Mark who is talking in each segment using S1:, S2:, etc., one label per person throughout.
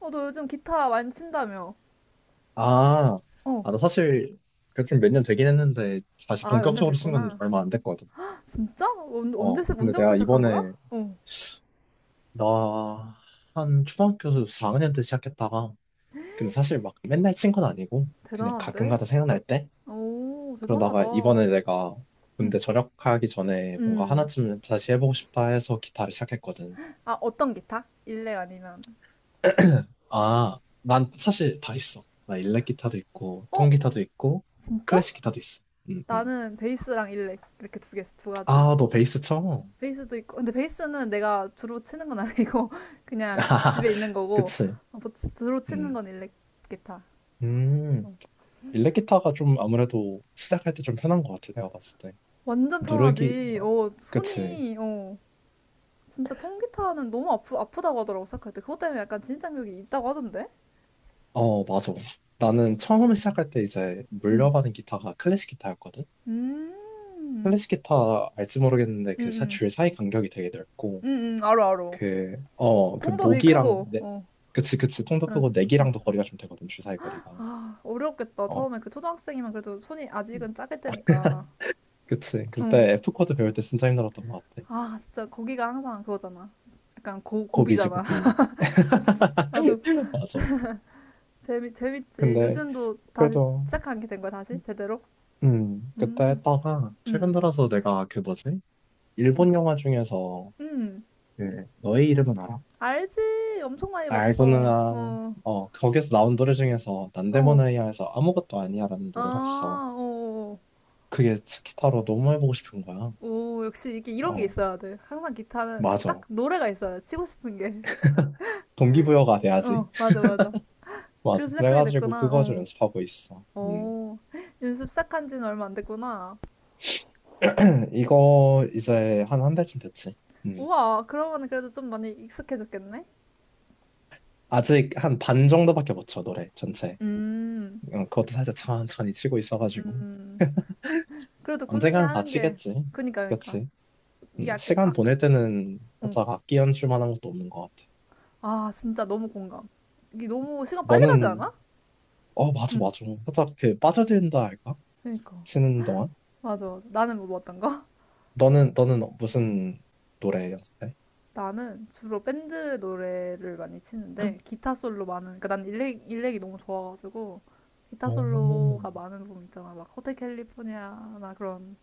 S1: 어, 너 요즘 기타 많이 친다며?
S2: 아,
S1: 어.
S2: 아, 나 사실 백준 몇년 되긴 했는데 다시
S1: 아, 연년
S2: 본격적으로 쓴 건
S1: 됐구나.
S2: 얼마 안 됐거든.
S1: 진짜? 언, 언제,
S2: 어,
S1: 시-
S2: 근데
S1: 언제부터
S2: 내가
S1: 시작한 거야?
S2: 이번에
S1: 어.
S2: 나 한 초등학교 4학년 때 시작했다가 근데 사실 막 맨날 친 건 아니고 그냥
S1: 대단한데?
S2: 가끔가다 생각날 때
S1: 오, 대단하다.
S2: 그러다가 이번에 내가
S1: 음.
S2: 군대 전역하기 전에 뭔가
S1: 음.
S2: 하나쯤은 다시 해보고 싶다 해서 기타를 시작했거든.
S1: 아, 어떤 기타? 일렉 아니면?
S2: 아, 난 사실 다 있어. 나 일렉 기타도 있고
S1: 어?
S2: 통기타도 있고
S1: 진짜?
S2: 클래식 기타도 있어. 음, 음.
S1: 나는 베이스랑 일렉 이렇게 두 개, 두 가지.
S2: 아, 너 베이스 쳐?
S1: 베이스도 있고, 근데 베이스는 내가 주로 치는 건 아니고 그냥 집에 있는 거고
S2: 그치.
S1: 어, 뭐 주로 치는
S2: 음.
S1: 건 일렉 기타.
S2: 음.
S1: 어.
S2: 일렉 기타가 좀 아무래도 시작할 때 좀 편한 것 같아, 내가 봤을 때.
S1: 완전
S2: 누르기,
S1: 편하지.
S2: 어,
S1: 어,
S2: 그치.
S1: 손이 어. 진짜 통기타는 너무 아프다고 하더라고 생각할 때 그것 때문에 약간 진입장벽이 있다고 하던데?
S2: 어, 맞아. 나는 처음 시작할 때 이제
S1: 응.
S2: 물려받은 기타가 클래식 기타였거든?
S1: 음. 음.
S2: 클래식 기타 알지 모르겠는데
S1: 음.
S2: 줄 사이 간격이 되게 넓고,
S1: 음. 음. 알어 알어.
S2: 그, 어, 그
S1: 통도 되게
S2: 목이랑,
S1: 크고.
S2: 내,
S1: 어.
S2: 그치, 그치. 통도
S1: 응.
S2: 크고 내기랑도 거리가 좀 되거든, 줄 사이 거리가.
S1: 아, 어려웠겠다.
S2: 어,
S1: 처음에 그 초등학생이면 그래도 손이 아직은 작을 때니까.
S2: 그치. 그때
S1: 응.
S2: F 코드 배울 때 진짜 힘들었던 것 같아.
S1: 아, 진짜 거기가 항상 그거잖아. 약간 고,
S2: 고비지,
S1: 고비잖아.
S2: 고비.
S1: 나도
S2: 맞아.
S1: 재미 재밌지.
S2: 근데
S1: 요즘도 다시
S2: 그래도
S1: 시작하게 된 거야, 다시 제대로?
S2: 그때
S1: 음.
S2: 했다가 최근
S1: 음.
S2: 들어서 내가 그 뭐지? 일본 영화 중에서
S1: 음.
S2: 그 너의 이름은 알아?
S1: 알지. 엄청 많이
S2: 알고는
S1: 봤어.
S2: 아,
S1: 어.
S2: 어 거기서 나온 노래 중에서
S1: 어.
S2: 난데모나이아에서 아무것도 아니야라는 노래가 있어.
S1: 아, 오,
S2: 그게 기타로 너무 해보고 싶은 거야.
S1: 오, 역시 이게 이런 게
S2: 어
S1: 있어야 돼. 항상 기타는 딱
S2: 맞아.
S1: 노래가 있어야 돼. 치고 싶은 게.
S2: 동기부여가 돼야지.
S1: 어, 맞아, 맞아. 그래서
S2: 맞아.
S1: 시작하게
S2: 그래가지고
S1: 됐구나.
S2: 그거 좀
S1: 어,
S2: 연습하고 있어. 음.
S1: 오, 연습 시작한 지는 얼마 안 됐구나.
S2: 이거 이제 한 1달쯤 됐지. 음.
S1: 우와, 그러면 그래도 좀 많이 익숙해졌겠네?
S2: 아직 한 반 정도밖에 못쳐 노래 전체.
S1: 음,
S2: 어, 그것도 살짝 천천히 치고 있어가지고
S1: 음. 그래도 꾸준히
S2: 언젠가는 다
S1: 하는 게,
S2: 치겠지.
S1: 그니까, 그니까.
S2: 그치?
S1: 이게 아까,
S2: 시간
S1: 아까,
S2: 보낼 때는
S1: 응.
S2: 살짝 악기 연출 만한 것도 없는 것 같아.
S1: 아, 진짜 너무 공감. 이게 너무 시간 빨리 가지
S2: 너는
S1: 않아?
S2: 어 맞아
S1: 응,
S2: 맞아. 살짝 그 빠져든다 할까?
S1: 그니까.
S2: 치는 동안?
S1: 맞아, 맞아. 나는 뭐 어떤 거?
S2: 너는 무슨 노래 연습해?
S1: 나는 주로 밴드 노래를 많이 치는데 기타 솔로 많은, 그러니까 난 일렉이 너무 좋아가지고 기타
S2: 오.
S1: 솔로가 많은 부분 있잖아. 막 호텔 캘리포니아나 그런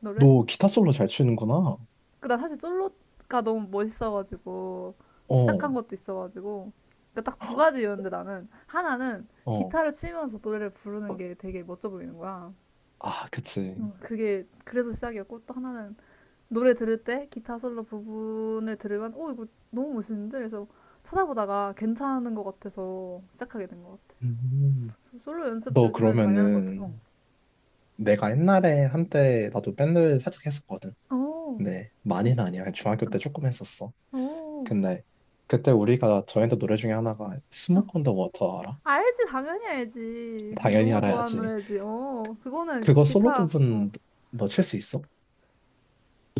S1: 노래.
S2: 너 기타 솔로 잘 치는구나.
S1: 그, 나 사실 솔로가 너무 멋있어가지고 시작한
S2: 어,
S1: 것도 있어가지고, 그러니까 딱 두 가지였는데, 나는 하나는
S2: 어.
S1: 기타를 치면서 노래를 부르는 게 되게 멋져 보이는 거야.
S2: 아, 그치.
S1: 그게 그래서 시작이었고, 또 하나는 노래 들을 때 기타 솔로 부분을 들으면 오, 이거 너무 멋있는데, 그래서 찾아보다가 괜찮은 것 같아서 시작하게 된 것 같아.
S2: 음.
S1: 그래서 솔로 연습
S2: 너
S1: 요즘에는 많이 하는 것 같아. 어.
S2: 그러면은 내가 옛날에 한때 나도 밴드 살짝 했었거든.
S1: 오,
S2: 네,
S1: 응,
S2: 많이는 아니야. 중학교
S1: 어,
S2: 때 조금 했었어.
S1: 오,
S2: 근데 그때 우리가 저희한테 노래 중에 하나가
S1: 어.
S2: 스모크 온더 워터 알아?
S1: 알지. 당연히 알지.
S2: 당연히
S1: 너무 좋아하는
S2: 알아야지.
S1: 노래지. 어, 그거는
S2: 그거 솔로
S1: 기타, 어,
S2: 부분 너 칠 수 있어?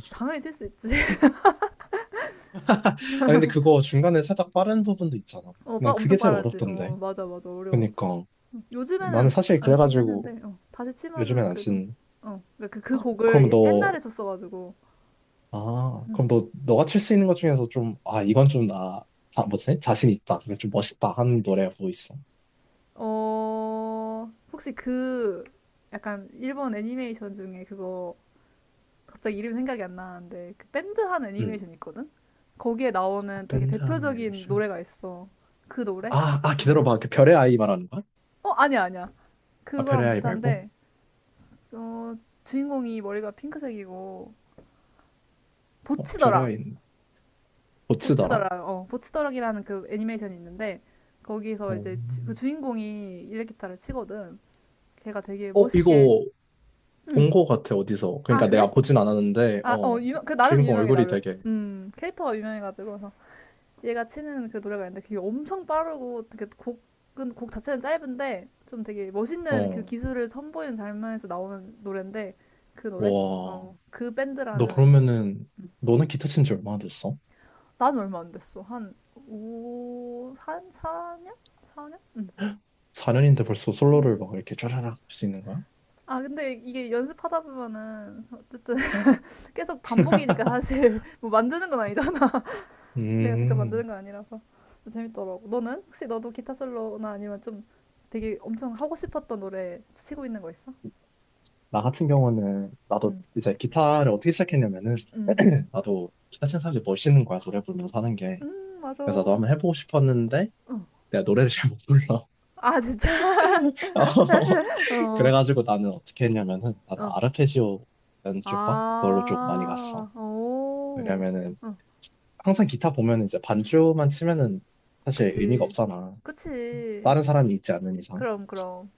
S1: 당연히 칠 수 있지.
S2: 아 근데 그거 중간에 살짝 빠른 부분도 있잖아.
S1: 어, 빠
S2: 난
S1: 엄청
S2: 그게 제일
S1: 빠르지.
S2: 어렵던데.
S1: 어, 맞아, 맞아. 어려워.
S2: 그러니까 나는
S1: 요즘에는
S2: 사실
S1: 안 치긴
S2: 그래가지고
S1: 했는데, 어, 다시
S2: 요즘엔
S1: 치면은
S2: 안
S1: 그래도,
S2: 친.
S1: 어, 그러니까 그, 그
S2: 그럼
S1: 곡을 옛날에
S2: 너
S1: 쳤어가지고,
S2: 아,
S1: 음.
S2: 그럼 너 너가 칠 수 있는 것 중에서 좀 아, 이건 좀 나 자, 뭐지? 자신 있다. 이건 좀 멋있다 하는 노래가 뭐 있어?
S1: 어, 혹시 그, 약간 일본 애니메이션 중에 그거, 갑자기 이름 생각이 안 나는데, 그 밴드 한
S2: 음.
S1: 애니메이션 있거든? 거기에 나오는 되게
S2: 밴드 하는
S1: 대표적인
S2: 애니메이션.
S1: 노래가 있어. 그 노래?
S2: 아, 아 기다려봐. 그 별의 아이 말하는 거야?
S1: 어, 아니야, 아니야.
S2: 아,
S1: 그거랑
S2: 별의 아이 말고?
S1: 비슷한데, 어, 주인공이 머리가 핑크색이고, 보
S2: 어,
S1: 치더
S2: 별의
S1: 락
S2: 아이.
S1: 보치더
S2: 고치더라?
S1: 락 어, 보치더락이라는 그 애니메이션이 있는데, 거기서
S2: 어,
S1: 이제 그 주인공이 일렉기타를 치거든. 걔가 되게
S2: 어,
S1: 멋있게.
S2: 이거 본
S1: 응.
S2: 거 같아, 어디서.
S1: 아,
S2: 그러니까
S1: 그래?
S2: 내가 보진 않았는데,
S1: 아, 어,
S2: 어,
S1: 유명, 그 나름
S2: 주인공
S1: 유명해,
S2: 얼굴이
S1: 나름.
S2: 되게,
S1: 캐릭터가 유명해가지고. 그래서 얘가 치는 그 노래가 있는데 그게 엄청 빠르고 되게 곡 자체는 짧은데 좀 되게 멋있는 그
S2: 어,
S1: 기술을 선보이는 장면에서 나오는 노래인데 그 노래?
S2: 와.
S1: 어, 그
S2: 너
S1: 밴드라는.
S2: 그러면은, 너는 기타 친지 얼마나 됐어?
S1: 난 얼마 안 됐어. 한 5, 4, 4년? 4년? 응.
S2: 4년인데 벌써 솔로를 막 이렇게 쫘라락 할 수 있는 거야?
S1: 아, 근데 이게 연습하다 보면은 어쨌든 계속 반복이니까 사실 뭐 만드는 건 아니잖아. 내가 직접
S2: 음,
S1: 만드는 건 아니라서 재밌더라고. 너는 혹시 너도 기타 솔로나 아니면 좀 되게 엄청 하고 싶었던 노래 치고 있는 거 있어?
S2: 나 같은 경우는, 나도
S1: 응.
S2: 이제 기타를 어떻게 시작했냐면은,
S1: 응,
S2: 나도 기타 친 사람들이 멋있는 거야, 노래 부르면서 하는 게.
S1: 응, 맞아.
S2: 그래서 나도
S1: 어.
S2: 한번 해보고 싶었는데, 내가 노래를 잘 못 불러.
S1: 아, 진짜? 어,
S2: 그래가지고 나는 어떻게 했냐면은 나는
S1: 어.
S2: 아르페지오 연주법 그걸로 좀 많이 갔어.
S1: 아, 오,
S2: 왜냐면은
S1: 어,
S2: 항상 기타 보면 이제 반주만 치면은 사실 의미가
S1: 그치.
S2: 없잖아.
S1: 그치.
S2: 다른 사람이 있지 않는 이상.
S1: 그럼, 그럼.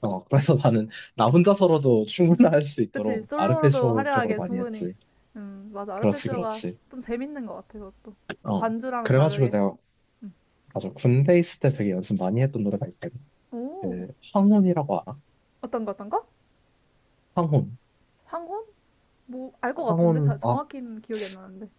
S2: 어, 그래서 나는 나
S1: 응,
S2: 혼자서라도 충분히 할 수
S1: 그치.
S2: 있도록
S1: 솔로로도
S2: 아르페지오 쪽으로
S1: 화려하게
S2: 많이
S1: 충분히.
S2: 했지.
S1: 맞아.
S2: 그렇지,
S1: 아르페지오가
S2: 그렇지.
S1: 좀 재밌는 것 같아, 그것도. 또
S2: 어.
S1: 반주랑
S2: 그래가지고
S1: 다르게.
S2: 내가
S1: 음.
S2: 맞아 군대 있을 때 되게 연습 많이 했던 노래가 있거든.
S1: 오,
S2: 그 황혼이라고 알아?
S1: 어떤 거, 어떤 거?
S2: 황혼.
S1: 황혼? 뭐, 알 것 같은데? 자,
S2: 황혼. 아
S1: 정확히는 기억이 안 나는데.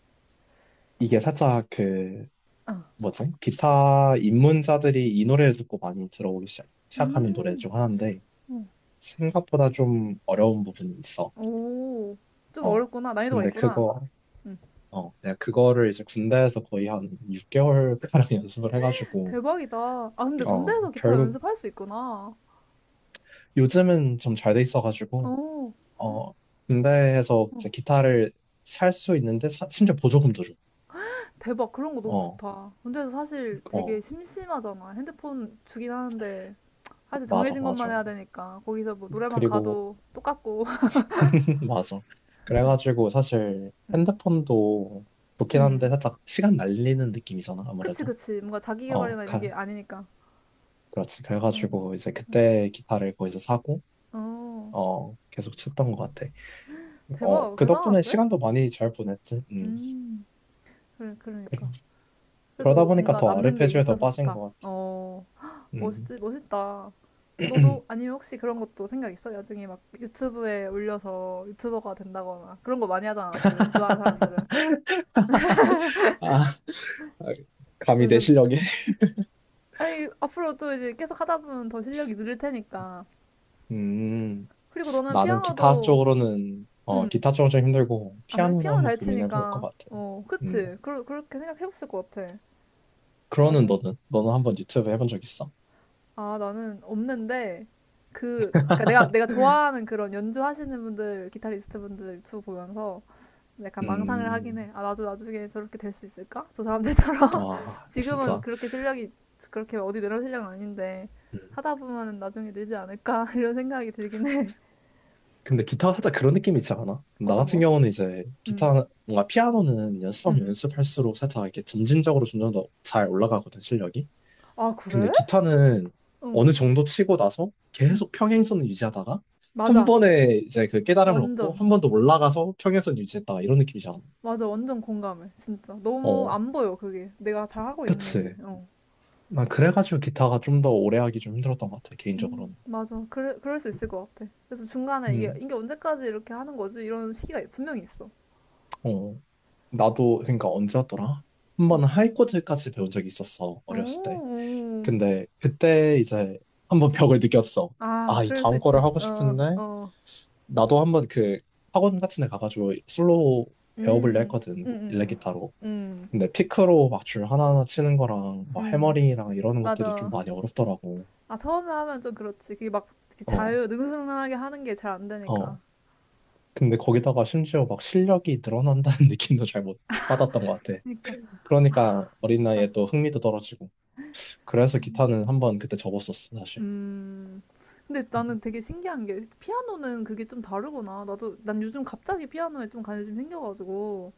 S2: 이게 살짝 그
S1: 어.
S2: 뭐지? 기타 입문자들이 이 노래를 듣고 많이 들어오기 시작하는 노래
S1: 음,
S2: 중 하나인데
S1: 어.
S2: 생각보다 좀 어려운 부분이 있어.
S1: 오, 좀
S2: 어.
S1: 어렵구나. 난이도가
S2: 근데
S1: 있구나.
S2: 그거
S1: 응.
S2: 어 내가 그거를 이제 군대에서 거의 한 6개월 가량 연습을 해가지고
S1: 대박이다. 아, 근데
S2: 어
S1: 군대에서 기타
S2: 결국
S1: 연습할 수 있구나.
S2: 요즘은 좀 잘 돼 있어가지고
S1: 오,
S2: 어 군대에서
S1: 어.
S2: 이제 기타를 살 수 있는데 심지어 보조금도 줘.
S1: 대박. 그런 거 너무
S2: 어,
S1: 좋다. 군대에서 사실
S2: 어,
S1: 되게 심심하잖아. 핸드폰 주긴 하는데. 사실
S2: 맞아,
S1: 정해진 것만
S2: 맞아.
S1: 해야 되니까. 거기서 뭐 노래방
S2: 그리고
S1: 가도 똑같고.
S2: 맞아. 그래가지고 사실
S1: 응.
S2: 핸드폰도 좋긴
S1: 음.
S2: 한데 살짝 시간 날리는 느낌이잖아,
S1: 그치,
S2: 아무래도.
S1: 그치. 뭔가 자기
S2: 어,
S1: 개발이나 이런
S2: 가,
S1: 게 아니니까.
S2: 그렇지.
S1: 응.
S2: 그래가지고 이제 그때 기타를 거기서 사고,
S1: 어,
S2: 어, 계속 쳤던 것 같아. 어,
S1: 대박.
S2: 그 덕분에
S1: 대단한데?
S2: 시간도 많이 잘 보냈지. 음.
S1: 음. 그래, 그러니까.
S2: 그러다
S1: 그래도
S2: 보니까
S1: 뭔가
S2: 더
S1: 남는 게
S2: 아르페지오에 더
S1: 있어서
S2: 빠진
S1: 좋다.
S2: 것 같아.
S1: 어,
S2: 음.
S1: 멋있지, 멋있다. 너도 아니면 혹시 그런 것도 생각 있어? 나중에 막 유튜브에 올려서 유튜버가 된다거나 그런 거 많이 하잖아. 또 연주하는 사람들은.
S2: 아, 감히 내
S1: 연습.
S2: 실력에.
S1: 아니 앞으로 또 이제 계속 하다 보면 더 실력이 늘릴 테니까.
S2: 음,
S1: 그리고 너는
S2: 나는 기타
S1: 피아노도.
S2: 쪽으로는, 어,
S1: 음.
S2: 기타 쪽은 좀 힘들고,
S1: 아, 그래?
S2: 피아노를
S1: 피아노
S2: 한번
S1: 잘
S2: 고민해 볼 것
S1: 치니까.
S2: 같아.
S1: 어,
S2: 음.
S1: 그치. 그렇게 생각해봤을 것 같아.
S2: 그러는
S1: 나중에.
S2: 너는 한번 유튜브 해본 적 있어?
S1: 아, 나는 없는데, 그니까 내가 좋아하는 그런 연주하시는 분들, 기타리스트 분들 유튜브 보면서 약간 망상을 하긴
S2: 음,
S1: 해. 아, 나도 나중에 저렇게 될 수 있을까? 저 사람들처럼.
S2: 와
S1: 지금은
S2: 진짜.
S1: 그렇게 실력이, 그렇게 어디 내려올 실력은 아닌데,
S2: 음.
S1: 하다 보면은 나중에 늘지 않을까? 이런 생각이 들긴 해.
S2: 근데 기타가 살짝 그런 느낌이 있지 않아? 나
S1: 어떤
S2: 같은
S1: 거?
S2: 경우는 이제
S1: 응,
S2: 기타 뭔가 피아노는
S1: 응,
S2: 연습하면
S1: 응.
S2: 연습할수록 살짝 이렇게 점진적으로 점점 더 잘 올라가거든 실력이.
S1: 아,
S2: 근데
S1: 그래?
S2: 기타는
S1: 응,
S2: 어느 정도 치고 나서
S1: 응.
S2: 계속 평행선을 유지하다가 한
S1: 맞아.
S2: 번에 이제 그 깨달음을 얻고
S1: 완전.
S2: 한 번 더 올라가서 평행선 유지했다가 이런 느낌이잖아.
S1: 맞아, 완전 공감해. 진짜. 너무
S2: 어,
S1: 안 보여, 그게. 내가 잘하고 있는지.
S2: 그치.
S1: 어.
S2: 난 그래가지고 기타가 좀 더 오래 하기 좀 힘들었던 것 같아 개인적으로는.
S1: 맞아. 그럴 수 있을 것 같아. 그래서 중간에 이게,
S2: 음,
S1: 이게 언제까지 이렇게 하는 거지? 이런 시기가 분명히 있어.
S2: 어. 나도 그러니까 언제 였더라 한
S1: 어.
S2: 번 하이코드까지 배운 적이 있었어 어렸을 때.
S1: 오, 오.
S2: 근데 그때 이제 한번 벽을 느꼈어.
S1: 아,
S2: 아, 이
S1: 그럴 수
S2: 다음
S1: 있지.
S2: 거를 하고
S1: 어,
S2: 싶은데
S1: 어.
S2: 나도 한번 그 학원 같은 데 가가지고 솔로 배워볼래
S1: 음, 음,
S2: 했거든
S1: 음,
S2: 일렉기타로.
S1: 음,
S2: 근데 피크로 막 줄 하나하나 치는 거랑 막
S1: 음.
S2: 해머링이랑 이러는 것들이 좀
S1: 맞아.
S2: 많이 어렵더라고.
S1: 아, 처음에 하면 좀 그렇지. 그게 막 이렇게
S2: 어,
S1: 자유, 능수능란하게 하는 게 잘 안 되니까.
S2: 어. 근데 거기다가 심지어 막 실력이 늘어난다는 느낌도 잘 못 받았던 것 같아.
S1: 그러니까
S2: 그러니까 어린
S1: 진짜.
S2: 나이에 또 흥미도 떨어지고. 그래서
S1: 음.
S2: 기타는 한 번 그때 접었었어, 사실.
S1: 음. 근데 나는 되게 신기한 게 피아노는 그게 좀 다르구나. 나도, 난 요즘 갑자기 피아노에 좀 관심이 생겨가지고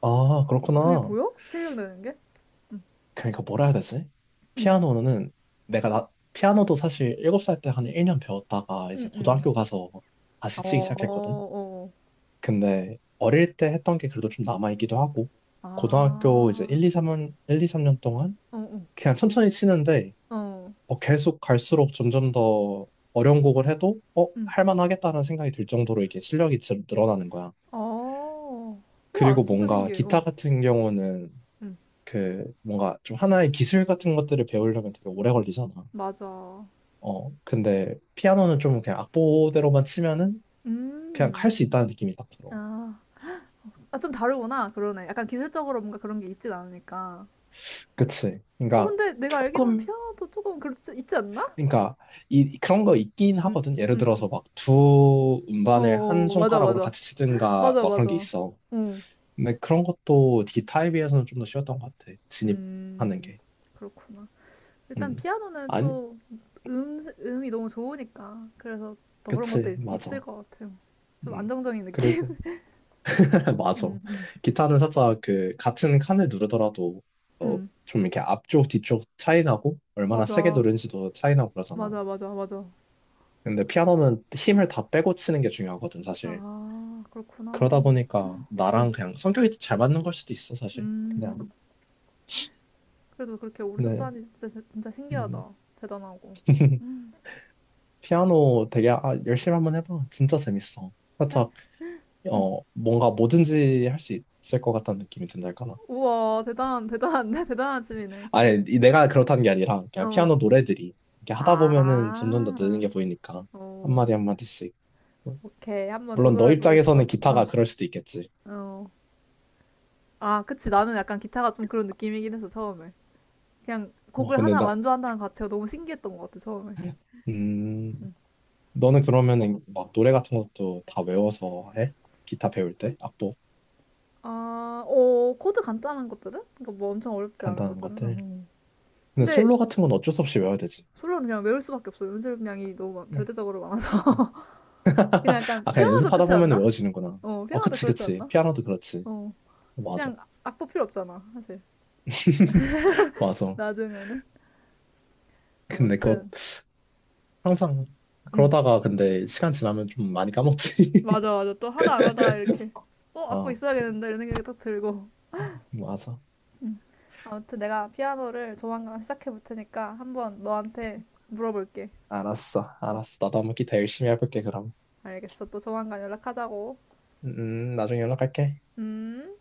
S2: 아,
S1: 그게
S2: 그렇구나.
S1: 보여? 실력 느는 게? 응,
S2: 그러니까 뭐라 해야 되지?
S1: 응,
S2: 피아노는 내가 나, 피아노도 사실 7살 때 한 1년 배웠다가 이제
S1: 응. 응.
S2: 고등학교 가서
S1: 어,
S2: 다시 치기 시작했거든.
S1: 어,
S2: 근데 어릴 때 했던 게 그래도 좀 남아있기도 하고, 고등학교 이제
S1: 아,
S2: 1, 2, 3년, 일 이 삼 년 동안
S1: 어,
S2: 그냥 천천히 치는데,
S1: 어, 어,
S2: 어, 계속 갈수록 점점 더 어려운 곡을 해도, 어,
S1: 응,
S2: 할만하겠다는 생각이 들 정도로 이게 실력이 늘어나는 거야.
S1: 어. 우와,
S2: 그리고
S1: 진짜
S2: 뭔가
S1: 신기해.
S2: 기타
S1: 어,
S2: 같은 경우는
S1: 응,
S2: 그 뭔가 좀 하나의 기술 같은 것들을 배우려면 되게 오래 걸리잖아.
S1: 맞아.
S2: 어, 근데 피아노는 좀 그냥 악보대로만 치면은 그냥 할
S1: 음,
S2: 수 있다는 느낌이 딱 들어.
S1: 아, 아, 좀 다르구나. 그러네. 약간 기술적으로 뭔가 그런 게 있진 않으니까.
S2: 그치?
S1: 어,
S2: 그러니까
S1: 근데 내가 알기로는
S2: 조금
S1: 피아노도 조금 그렇지, 있지 않나?
S2: 그러니까 이 그런 거 있긴
S1: 응,
S2: 하거든.
S1: 응,
S2: 예를
S1: 응.
S2: 들어서 막 두
S1: 어,
S2: 음반을 한
S1: 어, 맞아,
S2: 손가락으로
S1: 맞아.
S2: 같이 치든가
S1: 맞아,
S2: 막 그런 게
S1: 맞아.
S2: 있어.
S1: 응,
S2: 근데 그런 것도 기타에 비해서는 좀 더 쉬웠던 것 같아. 진입하는
S1: 음,
S2: 게.
S1: 그렇구나. 일단
S2: 음.
S1: 피아노는
S2: 아니,
S1: 또 음이 너무 좋으니까. 그래서 더 그런 것도
S2: 그치,
S1: 있,
S2: 맞아.
S1: 을것 같아요. 좀
S2: 음.
S1: 안정적인 느낌?
S2: 그리고 맞아.
S1: 음, 음.
S2: 기타는 살짝 그 같은 칸을 누르더라도 어,
S1: 음,
S2: 좀 이렇게 앞쪽 뒤쪽 차이 나고 얼마나 세게
S1: 맞아.
S2: 누른지도 차이 나고 그러잖아.
S1: 맞아, 맞아, 맞아.
S2: 근데 피아노는 힘을 다 빼고 치는 게 중요하거든 사실.
S1: 아,
S2: 그러다
S1: 그렇구나.
S2: 보니까
S1: 음,
S2: 나랑 그냥 성격이 잘 맞는 걸 수도 있어 사실. 그냥
S1: 음. 그래도 그렇게 오래
S2: 네.
S1: 썼다니 진짜, 진짜
S2: 음.
S1: 신기하다. 대단하고.
S2: 피아노 되게 아, 열심히 한번 해봐. 진짜 재밌어.
S1: 그래?
S2: 살짝
S1: 음.
S2: 어 뭔가 뭐든지 할 수 있을 것 같다는 느낌이 든달까.
S1: 우와, 대단한데? 대단한 취미네.
S2: 아니, 이- 내가 그렇다는 게 아니라, 그냥
S1: 어.
S2: 피아노 노래들이, 이렇게 하다 보면은 점점 더 느는
S1: 아,
S2: 게 보이니까,
S1: 어.
S2: 한마디 한마디씩.
S1: 오케이. 한번
S2: 물론 너
S1: 도전해보겠어.
S2: 입장에서는 기타가
S1: 어,
S2: 그럴 수도 있겠지.
S1: 어. 아, 그치. 나는 약간 기타가 좀 그런 느낌이긴 해서 처음에. 그냥
S2: 어,
S1: 곡을
S2: 근데
S1: 하나
S2: 나,
S1: 완주한다는 자체가 너무 신기했던 것 같아, 처음에.
S2: 음,
S1: 음.
S2: 너는 그러면은 막 노래 같은 것도 다 외워서 해? 기타 배울 때? 악보?
S1: 아, 어, 코드 간단한 것들은? 그러니까 뭐 엄청 어렵지 않은
S2: 간단한
S1: 것들은?
S2: 것들?
S1: 음.
S2: 근데
S1: 근데
S2: 솔로 같은 건 어쩔 수 없이 외워야 되지.
S1: 솔로는 그냥 외울 수밖에 없어. 연습량이 너무 많-
S2: 네.
S1: 절대적으로 많아서. 그냥 약간
S2: 아, 그냥
S1: 피아노도
S2: 연습하다
S1: 그렇지
S2: 보면
S1: 않나?
S2: 외워지는구나.
S1: 어,
S2: 아,
S1: 피아노도
S2: 그치,
S1: 그렇지
S2: 그치.
S1: 않나?
S2: 피아노도 그렇지.
S1: 어,
S2: 맞아.
S1: 그냥 악보 필요 없잖아, 사실.
S2: 맞아.
S1: 나중에는.
S2: 근데 그거
S1: 아무튼,
S2: 항상
S1: 음.
S2: 그러다가 근데 시간 지나면 좀 많이 까먹지.
S1: 맞아, 맞아. 또 하다 안 하다 이렇게, 어, 악보
S2: 어,
S1: 있어야겠는데 이런 생각이 딱 들고.
S2: 맞아.
S1: 음. 아무튼 내가 피아노를 조만간 시작해 볼 테니까 한번 너한테 물어볼게.
S2: 알았어,
S1: 어,
S2: 알았어. 나도 한번 기타 열심히 해볼게, 그럼.
S1: 알겠어. 또 조만간 연락하자고.
S2: 나중에 연락할게.
S1: 음.